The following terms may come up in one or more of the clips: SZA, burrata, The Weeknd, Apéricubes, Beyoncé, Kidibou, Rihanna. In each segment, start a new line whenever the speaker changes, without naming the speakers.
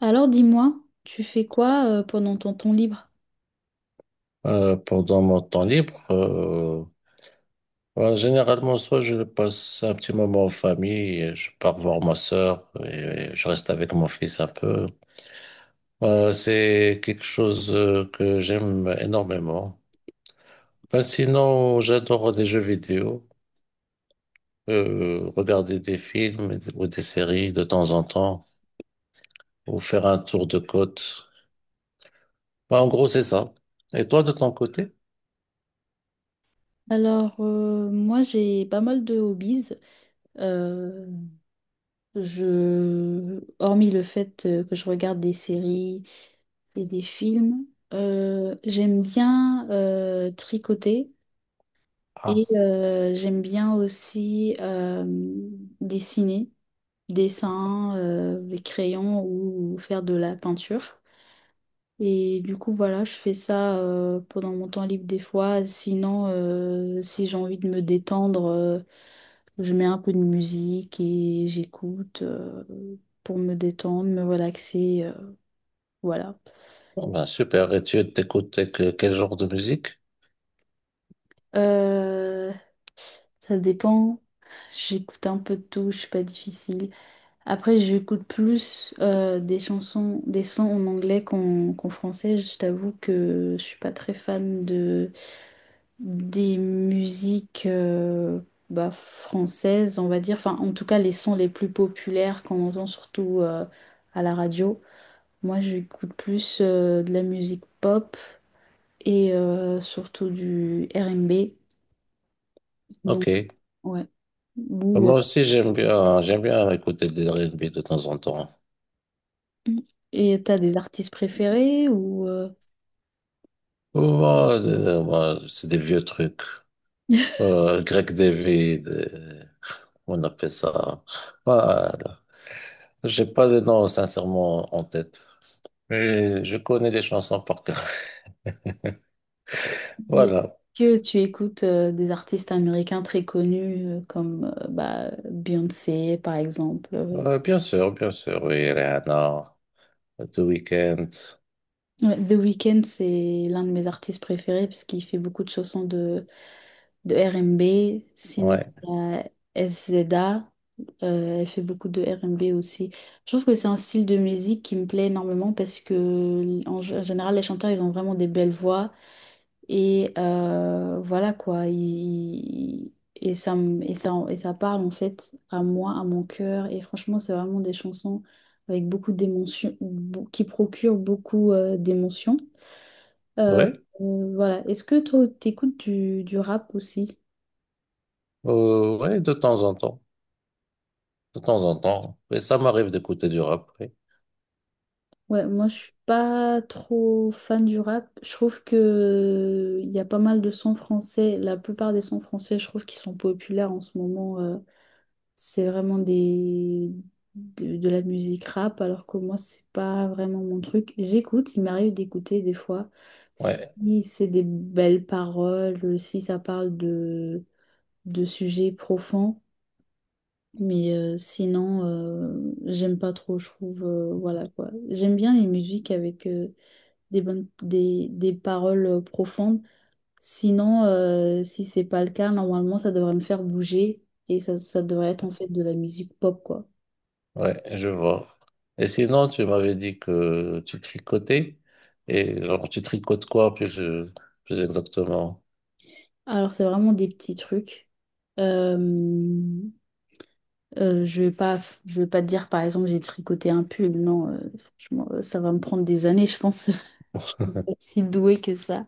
Alors dis-moi, tu fais quoi pendant ton temps libre?
Pendant mon temps libre, généralement, soit je passe un petit moment en famille, et je pars voir ma sœur et je reste avec mon fils un peu. C'est quelque chose que j'aime énormément. Ben, sinon, j'adore les jeux vidéo, regarder des films ou des séries de temps en temps, ou faire un tour de côte. Ben, en gros, c'est ça. Et toi, de ton côté?
Moi j'ai pas mal de hobbies. Euh, Hormis le fait que je regarde des séries et des films, j'aime bien tricoter et
Ah,
j'aime bien aussi dessiner, dessin, des crayons ou faire de la peinture. Et du coup, voilà, je fais ça pendant mon temps libre des fois. Sinon, si j'ai envie de me détendre, je mets un peu de musique et j'écoute pour me détendre, me relaxer. Voilà.
bah, super. Et tu quel genre de musique?
Euh, ça dépend. J'écoute un peu de tout, je suis pas difficile. Après, j'écoute plus des chansons, des sons en anglais qu'en français. Je t'avoue que je suis pas très fan de des musiques bah, françaises, on va dire, enfin en tout cas les sons les plus populaires qu'on entend surtout à la radio. Moi j'écoute plus de la musique pop et surtout du R&B. Donc
Ok.
ouais. Ou, euh,
Moi aussi, j'aime bien écouter des R&B de temps en temps.
et t'as des artistes préférés ou
Moi, moi, c'est des vieux trucs. Greg David, on appelle ça. Voilà. J'ai pas de nom, sincèrement, en tête. Mais je connais des chansons par cœur.
mais
Voilà.
que tu écoutes des artistes américains très connus comme bah, Beyoncé par exemple.
Bien sûr, oui, Rihanna, The Weeknd,
Ouais, The Weeknd, c'est l'un de mes artistes préférés parce qu'il fait beaucoup de chansons de R&B. Sinon,
ouais,
il y a SZA, elle fait beaucoup de R&B aussi. Je trouve que c'est un style de musique qui me plaît énormément parce que, en général, les chanteurs, ils ont vraiment des belles voix. Et voilà quoi. Ils- et, ça, me- et ça parle en fait à moi, à mon cœur. Et franchement, c'est vraiment des chansons avec beaucoup d'émotions, qui procurent beaucoup d'émotions. Euh,
ouais,
voilà. Est-ce que toi, t'écoutes du rap aussi?
ouais, de temps en temps, de temps en temps, mais ça m'arrive d'écouter du rap, oui.
Ouais, moi, je suis pas trop fan du rap. Je trouve que il y a pas mal de sons français. La plupart des sons français, je trouve qu'ils sont populaires en ce moment. C'est vraiment des de la musique rap, alors que moi, c'est pas vraiment mon truc. J'écoute, il m'arrive d'écouter des fois. Si
ouais,
c'est des belles paroles, si ça parle de sujets profonds. Mais sinon, j'aime pas trop, je trouve. Voilà quoi. J'aime bien les musiques avec des des paroles profondes. Sinon, si c'est pas le cas, normalement, ça devrait me faire bouger et ça devrait être en fait de la musique pop quoi.
ouais, je vois. Et sinon, tu m'avais dit que tu tricotais, et genre, tu tricotes quoi plus, plus exactement?
Alors, c'est vraiment des petits trucs. Euh, je vais pas, je vais pas te dire par exemple, j'ai tricoté un pull. Non, franchement, ça va me prendre des années, je pense. Je suis pas si douée que ça.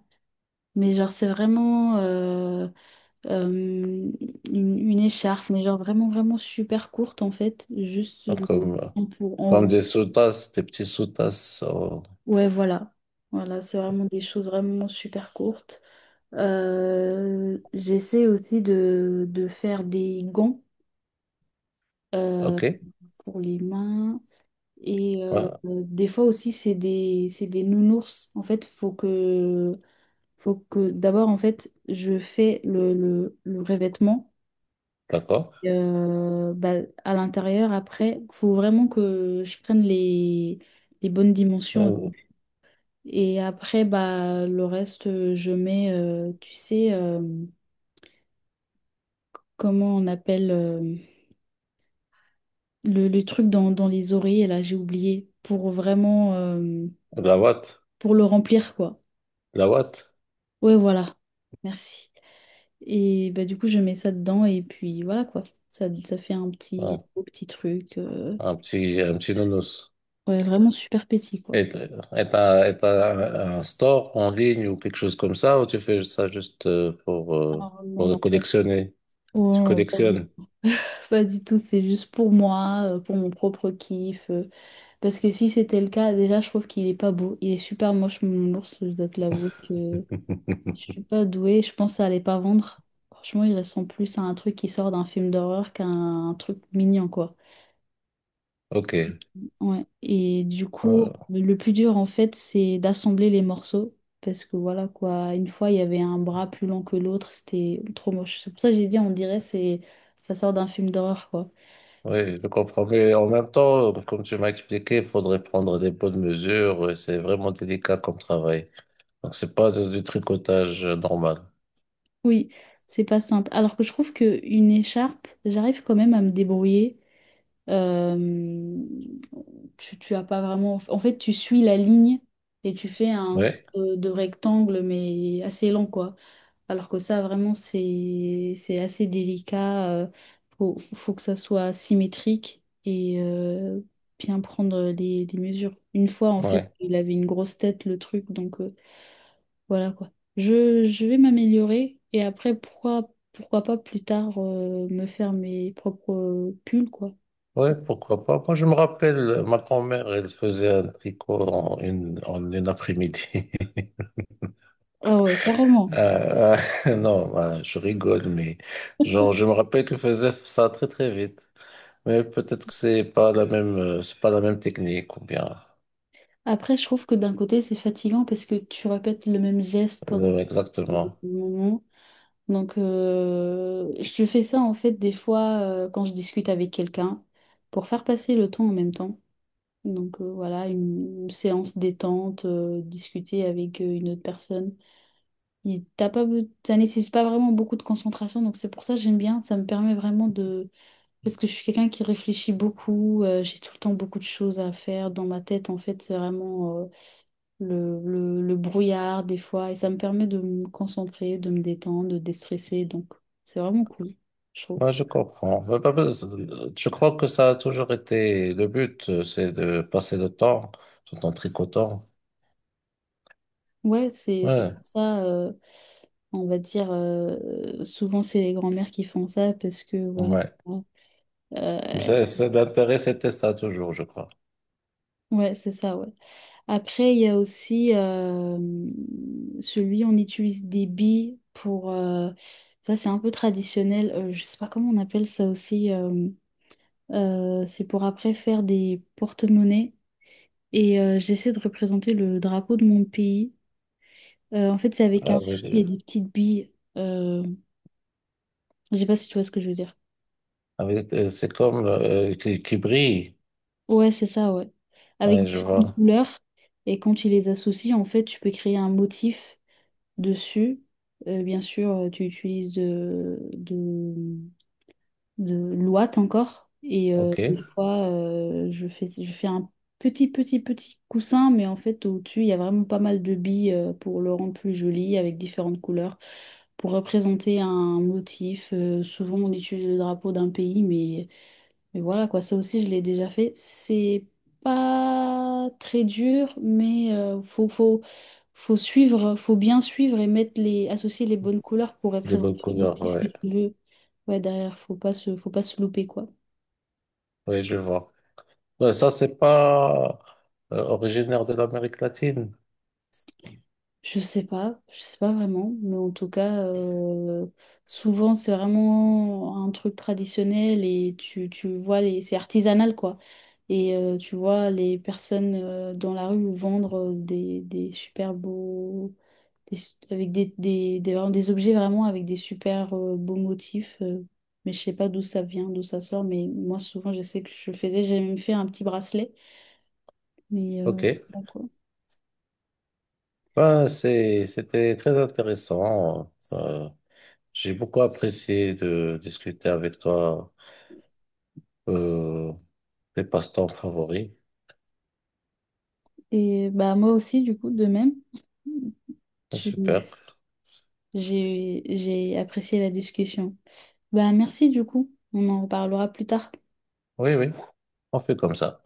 Mais genre, c'est vraiment. Euh, une, une écharpe, mais genre vraiment, vraiment super courte en fait, juste
Hein,
le
comme,
en pour en
comme
haut.
des sous-tasses, des petits sous-tasses,
Ouais, voilà. Voilà, c'est vraiment des choses vraiment super courtes. J'essaie aussi de faire des gants euh,
ok,
pour les mains. Et
ouais,
des fois aussi, c'est des nounours. En fait, faut que d'abord, en fait, je fais le revêtement.
d'accord.
Et, bah, à l'intérieur, après, faut vraiment que je prenne les bonnes dimensions. Au
Euh,
début. Et après, bah, le reste, je mets, tu sais, comment on appelle le truc dans les oreillers, là, j'ai oublié, pour vraiment,
la watt,
pour le remplir, quoi.
la watt,
Ouais, voilà, merci. Et bah, du coup, je mets ça dedans et puis voilà, quoi. Ça fait un petit, un
ouais,
beau petit truc.
un petit nounours.
Ouais, vraiment super petit, quoi.
Est et T'as un store en ligne ou quelque chose comme ça, ou tu fais ça juste
Alors, non,
pour
non,
le
en fait.
collectionner? Tu collectionnes?
Pas du tout, c'est juste pour moi, pour mon propre kiff. Parce que si c'était le cas, déjà, je trouve qu'il est pas beau. Il est super moche, mon ours, je dois te l'avouer que je suis pas douée. Je pense à les pas vendre. Franchement, il ressemble plus à un truc qui sort d'un film d'horreur qu'à un truc mignon, quoi.
Ok.
Ouais. Et du coup,
Euh,
le plus dur, en fait, c'est d'assembler les morceaux. Parce que voilà, quoi. Une fois, il y avait un bras plus long que l'autre, c'était trop moche. C'est pour ça que j'ai dit, on dirait, c'est ça sort d'un film d'horreur, quoi.
oui, je comprends. Mais en même temps, comme tu m'as expliqué, il faudrait prendre des bonnes mesures. Et c'est vraiment délicat comme travail. Donc, c'est pas du tricotage normal.
Oui, c'est pas simple. Alors que je trouve que une écharpe, j'arrive quand même à me débrouiller. Euh, tu as pas vraiment. En fait, tu suis la ligne et tu fais un
Oui,
sorte de rectangle, mais assez lent, quoi. Alors que ça, vraiment, c'est assez délicat. Faut que ça soit symétrique et bien prendre les mesures. Une fois, en fait,
oui.
il avait une grosse tête, le truc, donc. Voilà quoi. Je vais m'améliorer et après, pourquoi pas plus tard me faire mes propres pulls, quoi.
Oui,
Ça-
pourquoi pas. Moi, je me rappelle, ma grand-mère, elle faisait un tricot en une après-midi.
Ah ouais, carrément.
Euh, non, ben, je rigole, mais genre, je me rappelle qu'il faisait ça très très vite. Mais peut-être que c'est pas la même, c'est pas la même technique ou bien
Après, je trouve que d'un côté, c'est fatigant parce que tu répètes le même geste pendant un
exactement.
moment. Donc, je fais ça en fait des fois quand je discute avec quelqu'un pour faire passer le temps en même temps. Donc, voilà, une séance détente, discuter avec une autre personne. Il- T'as pas, be- ça nécessite pas vraiment beaucoup de concentration, donc c'est pour ça que j'aime bien. Ça me permet vraiment de... Parce que je suis quelqu'un qui réfléchit beaucoup, j'ai tout le temps beaucoup de choses à faire dans ma tête. En fait, c'est vraiment le brouillard des fois, et ça me permet de me concentrer, de me détendre, de déstresser. Donc, c'est vraiment cool, je trouve.
Moi, je comprends. Ouais, bah, bah, je crois que ça a toujours été le but, c'est de passer le temps tout en tricotant.
Ouais, c'est
Ouais,
pour ça, on va dire, souvent c'est les grands-mères qui font ça, parce que voilà.
ouais. Mais
Euh,
ça, l'intérêt, c'était ça toujours, je crois.
ouais, c'est ça, ouais. Après, il y a aussi celui, on utilise des billes pour... ça, c'est un peu traditionnel. Je sais pas comment on appelle ça aussi. C'est pour après faire des porte-monnaies. Et j'essaie de représenter le drapeau de mon pays. En fait, c'est avec un fil et
Avec-
des petites billes. Je sais pas si tu vois ce que je veux dire.
c'est comme qui brille.
Ouais, c'est ça, ouais. Avec
Ouais, je
différentes
vois.
couleurs. Et quand tu les associes, en fait, tu peux créer un motif. Dessus. Bien sûr, tu utilises de l'ouate encore. Et
Ok.
des fois, je fais un petit coussin, mais en fait, au-dessus, il y a vraiment pas mal de billes pour le rendre plus joli, avec différentes couleurs, pour représenter un motif. Souvent, on utilise le drapeau d'un pays, mais voilà, quoi, ça aussi, je l'ai déjà fait. C'est pas très dur, mais faut suivre, faut bien suivre et mettre les, associer les bonnes couleurs pour
Les bonnes
représenter le
couleurs,
motif que
ouais.
tu veux. Ouais, derrière, faut pas se louper, quoi.
Oui, je vois. Ouais, ça, c'est pas originaire de l'Amérique latine.
Je sais pas vraiment, mais en tout cas, souvent c'est vraiment un truc traditionnel et tu vois les, c'est artisanal quoi. Et tu vois les personnes dans la rue vendre des super beaux, avec vraiment des objets vraiment avec des super beaux motifs. Mais je sais pas d'où ça vient, d'où ça sort, mais moi souvent je sais que je faisais, j'ai même fait un petit bracelet. Mais
OK.
bon, quoi.
Ben, c'était très intéressant. J'ai beaucoup apprécié de discuter avec toi euh, tes passe-temps favoris.
Et bah moi aussi du coup de même.
Ah, super.
Tu- j'ai apprécié la discussion. Bah merci du coup. On en reparlera plus tard.
Oui, oui, on fait comme ça.